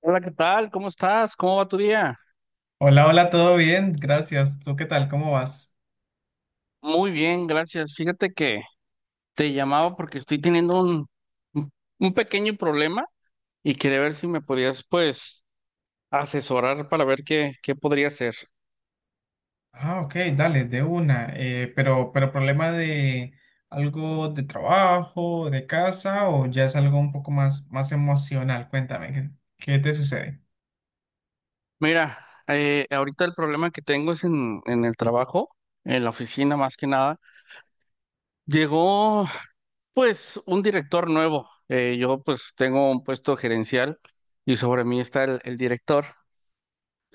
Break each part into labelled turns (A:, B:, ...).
A: Hola, ¿qué tal? ¿Cómo estás? ¿Cómo va tu día?
B: Hola, hola, todo bien, gracias. ¿Tú qué tal? ¿Cómo vas?
A: Muy bien, gracias. Fíjate que te llamaba porque estoy teniendo un un pequeño problema y quería ver si me podías, pues, asesorar para ver qué podría hacer.
B: Ah, ok, dale, de una. Pero problema de algo de trabajo, de casa, o ya es algo un poco más, más emocional. Cuéntame, ¿qué te sucede?
A: Mira, ahorita el problema que tengo es en el trabajo, en la oficina más que nada. Llegó, pues, un director nuevo. Yo, pues, tengo un puesto gerencial y sobre mí está el director.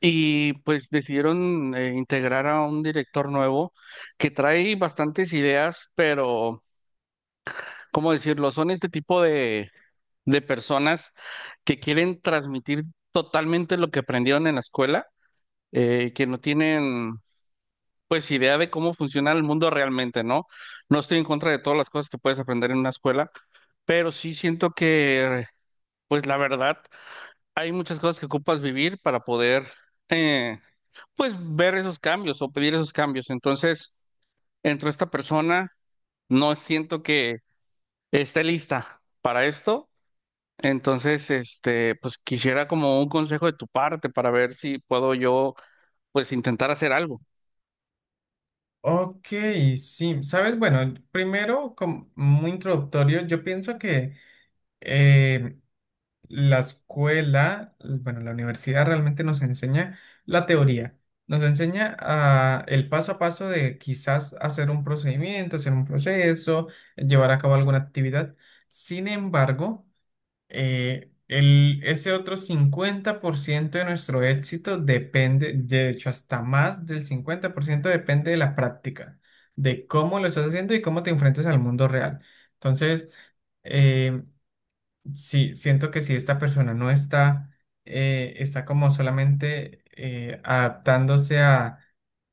A: Y pues decidieron integrar a un director nuevo que trae bastantes ideas, pero ¿cómo decirlo? Son este tipo de personas que quieren transmitir totalmente lo que aprendieron en la escuela, que no tienen pues idea de cómo funciona el mundo realmente, ¿no? No estoy en contra de todas las cosas que puedes aprender en una escuela, pero sí siento que, pues la verdad, hay muchas cosas que ocupas vivir para poder, eh, pues, ver esos cambios o pedir esos cambios. Entonces, entre esta persona, no siento que esté lista para esto. Entonces, este, pues quisiera como un consejo de tu parte para ver si puedo yo, pues, intentar hacer algo.
B: Ok, sí, sabes, bueno, primero, como muy introductorio, yo pienso que eh, La escuela, bueno, la universidad realmente nos enseña la teoría, nos enseña el paso a paso de quizás hacer un procedimiento, hacer un proceso, llevar a cabo alguna actividad. Sin embargo, ese otro 50% de nuestro éxito depende, de hecho, hasta más del 50% depende de la práctica, de cómo lo estás haciendo y cómo te enfrentas al mundo real. Entonces, eh, sí, siento que si esta persona no está, está como solamente adaptándose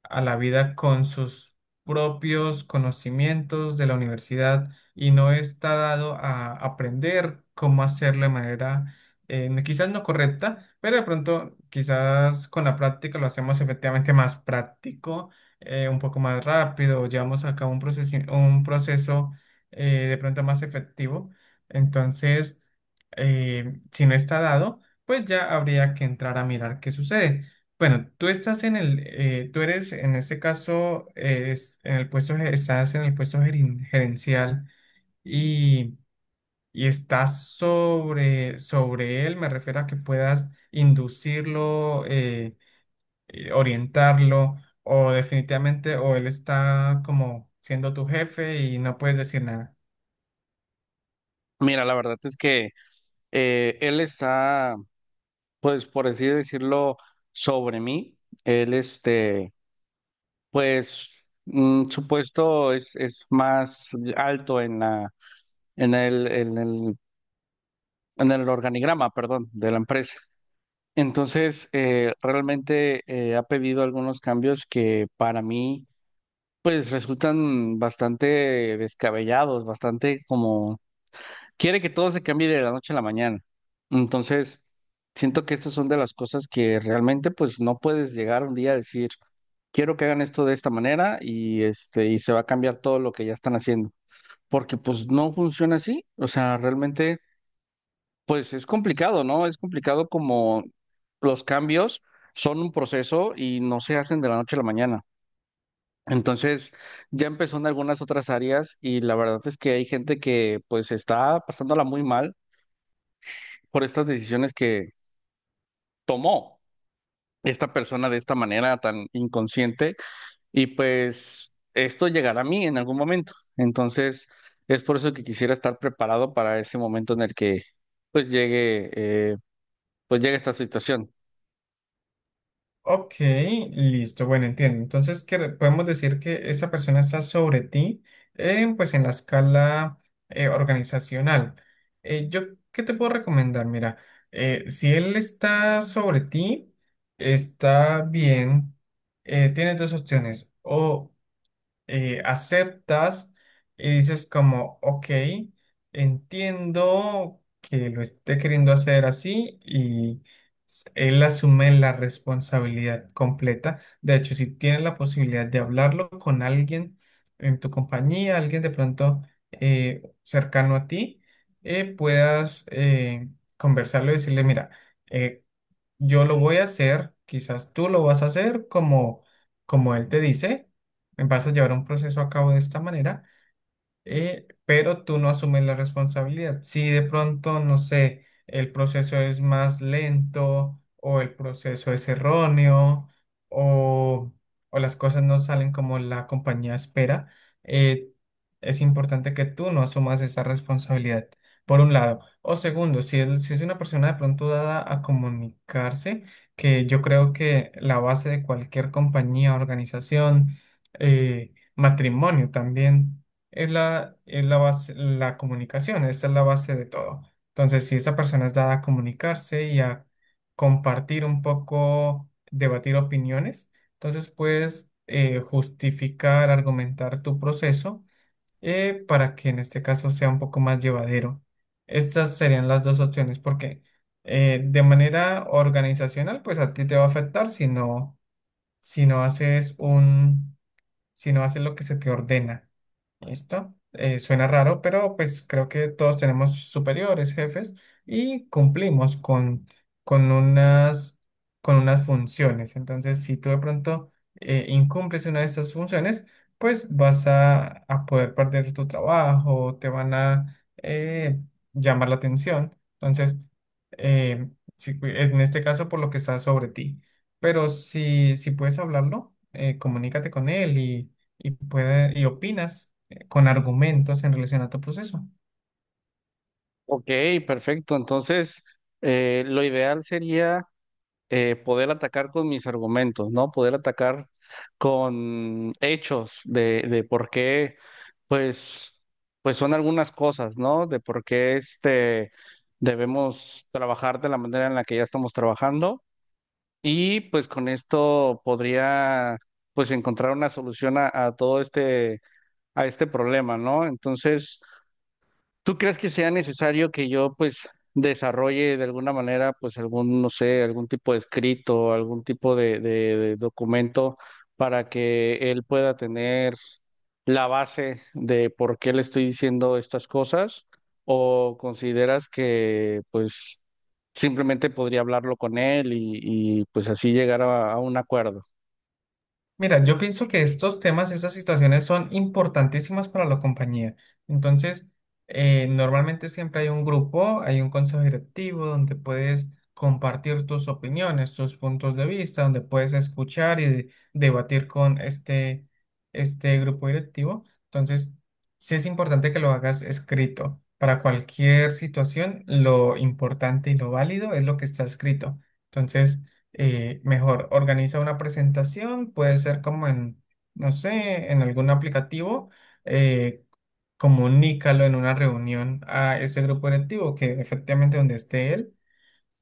B: a la vida con sus propios conocimientos de la universidad y no está dado a aprender cómo hacerlo de manera quizás no correcta, pero de pronto quizás con la práctica lo hacemos efectivamente más práctico, un poco más rápido, llevamos a cabo un proceso, un proceso de pronto más efectivo. Entonces, si no está dado, pues ya habría que entrar a mirar qué sucede. Bueno, tú eres en este caso, en el estás en el puesto gerencial y, y estás sobre él, me refiero a que puedas inducirlo, orientarlo o definitivamente, o él está como siendo tu jefe y no puedes decir nada.
A: Mira, la verdad es que él está, pues, por así decirlo, sobre mí. Él, este, pues su puesto es más alto en la, en el, en el, en el organigrama, perdón, de la empresa. Entonces, realmente ha pedido algunos cambios que para mí, pues resultan bastante descabellados, bastante como quiere que todo se cambie de la noche a la mañana. Entonces, siento que estas son de las cosas que realmente pues no puedes llegar un día a decir, quiero que hagan esto de esta manera y este y se va a cambiar todo lo que ya están haciendo, porque pues no funciona así, o sea, realmente pues es complicado, ¿no? Es complicado como los cambios son un proceso y no se hacen de la noche a la mañana. Entonces, ya empezó en algunas otras áreas y la verdad es que hay gente que pues está pasándola muy mal por estas decisiones que tomó esta persona de esta manera tan inconsciente y pues esto llegará a mí en algún momento. Entonces, es por eso que quisiera estar preparado para ese momento en el que pues llegue, eh, pues llegue esta situación.
B: Ok, listo, bueno, entiendo. Entonces, podemos decir que esa persona está sobre ti, pues en la escala organizacional. Eh, yo, ¿Qué te puedo recomendar? Mira, si él está sobre ti, está bien, tienes dos opciones. O aceptas y dices como, ok, entiendo que lo esté queriendo hacer así y él asume la responsabilidad completa. De hecho, si tienes la posibilidad de hablarlo con alguien en tu compañía, alguien de pronto cercano a ti, puedas conversarlo y decirle, mira, eh, yo lo voy a hacer, quizás tú lo vas a hacer como, como él te dice, vas a llevar un proceso a cabo de esta manera, pero tú no asumes la responsabilidad. Si de pronto, no sé, el proceso es más lento o el proceso es erróneo o, o las cosas no salen como la compañía espera, eh, es importante que tú no asumas esa responsabilidad, por un lado. O segundo, si es una persona de pronto dada a comunicarse, que yo creo que la base de cualquier compañía, organización, matrimonio también es la base, la comunicación, esta es la base de todo. Entonces, si esa persona es dada a comunicarse y a compartir un poco, debatir opiniones, entonces puedes justificar, argumentar tu proceso para que en este caso sea un poco más llevadero. Estas serían las dos opciones, porque de manera organizacional, pues a ti te va a afectar si no haces un, si no haces lo que se te ordena. Listo. Suena raro, pero pues creo que todos tenemos superiores, jefes, y cumplimos con unas, con unas funciones. Entonces, si tú de pronto incumples una de esas funciones, pues a poder perder tu trabajo, te van a llamar la atención. Entonces, eh, en este caso, por lo que está sobre ti. Pero si puedes hablarlo, comunícate con él y y opinas con argumentos en relación a tu proceso.
A: Ok, perfecto. Entonces, lo ideal sería poder atacar con mis argumentos, ¿no? Poder atacar con hechos de por qué, pues, pues son algunas cosas, ¿no? De por qué este debemos trabajar de la manera en la que ya estamos trabajando. Y pues con esto podría pues encontrar una solución a todo este, a este problema, ¿no? Entonces, ¿tú crees que sea necesario que yo pues desarrolle de alguna manera pues algún, no sé, algún tipo de escrito, algún tipo de documento para que él pueda tener la base de por qué le estoy diciendo estas cosas? ¿O consideras que pues simplemente podría hablarlo con él y, pues así llegar a un acuerdo?
B: Mira, yo pienso que estos temas, estas situaciones son importantísimas para la compañía. Entonces, normalmente siempre hay un grupo, hay un consejo directivo donde puedes compartir tus opiniones, tus puntos de vista, donde puedes escuchar y debatir con este, este grupo directivo. Entonces, sí es importante que lo hagas escrito. Para cualquier situación, lo importante y lo válido es lo que está escrito. Entonces, mejor organiza una presentación, puede ser como en, no sé, en algún aplicativo, eh, comunícalo en una reunión a ese grupo directivo, que efectivamente donde esté él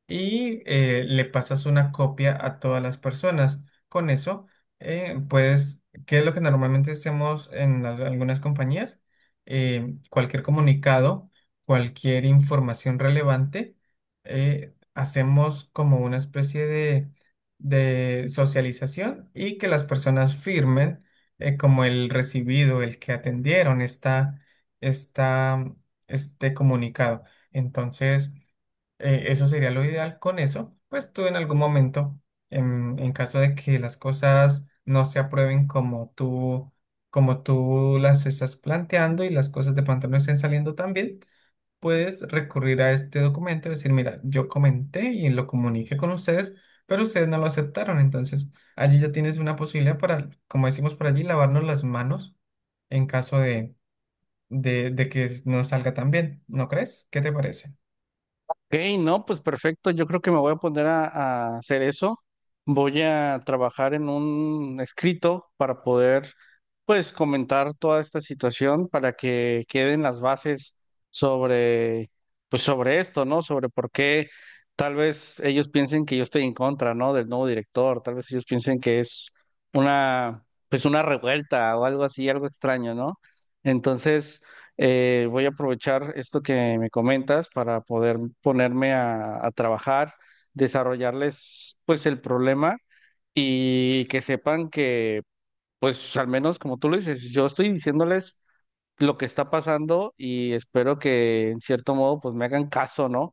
B: y le pasas una copia a todas las personas. Con eso, pues, ¿qué es lo que normalmente hacemos en algunas compañías? Cualquier comunicado, cualquier información relevante, hacemos como una especie de socialización y que las personas firmen como el recibido, el que atendieron esta, este comunicado. Entonces, eso sería lo ideal con eso. Pues tú en algún momento, en caso de que las cosas no se aprueben como tú las estás planteando y las cosas de pronto no estén saliendo tan bien, puedes recurrir a este documento y decir, mira, yo comenté y lo comuniqué con ustedes, pero ustedes no lo aceptaron. Entonces, allí ya tienes una posibilidad para, como decimos por allí, lavarnos las manos en caso de que no salga tan bien. ¿No crees? ¿Qué te parece?
A: Ok, no, pues perfecto. Yo creo que me voy a poner a hacer eso. Voy a trabajar en un escrito para poder, pues, comentar toda esta situación para que queden las bases sobre, pues, sobre esto, ¿no? Sobre por qué tal vez ellos piensen que yo estoy en contra, ¿no? Del nuevo director. Tal vez ellos piensen que es una, pues, una revuelta o algo así, algo extraño, ¿no? Entonces, voy a aprovechar esto que me comentas para poder ponerme a trabajar, desarrollarles pues el problema y que sepan que pues al menos como tú lo dices, yo estoy diciéndoles lo que está pasando y espero que en cierto modo pues me hagan caso, ¿no?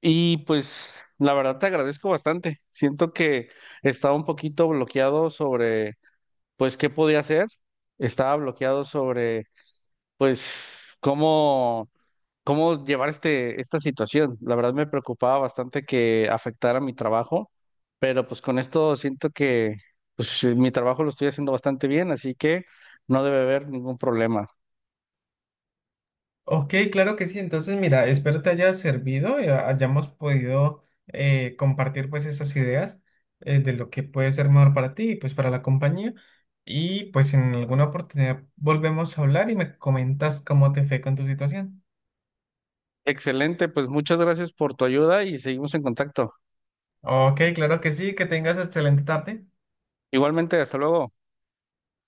A: Y pues la verdad te agradezco bastante. Siento que estaba un poquito bloqueado sobre pues qué podía hacer, estaba bloqueado sobre pues cómo llevar este, esta situación. La verdad me preocupaba bastante que afectara mi trabajo, pero pues con esto siento que pues, mi trabajo lo estoy haciendo bastante bien, así que no debe haber ningún problema.
B: Ok, claro que sí. Entonces, mira, espero te haya servido y hayamos podido compartir pues esas ideas de lo que puede ser mejor para ti y pues para la compañía. Y pues en alguna oportunidad volvemos a hablar y me comentas cómo te fue con tu situación.
A: Excelente, pues muchas gracias por tu ayuda y seguimos en contacto.
B: Ok, claro que sí. Que tengas excelente tarde.
A: Igualmente, hasta luego.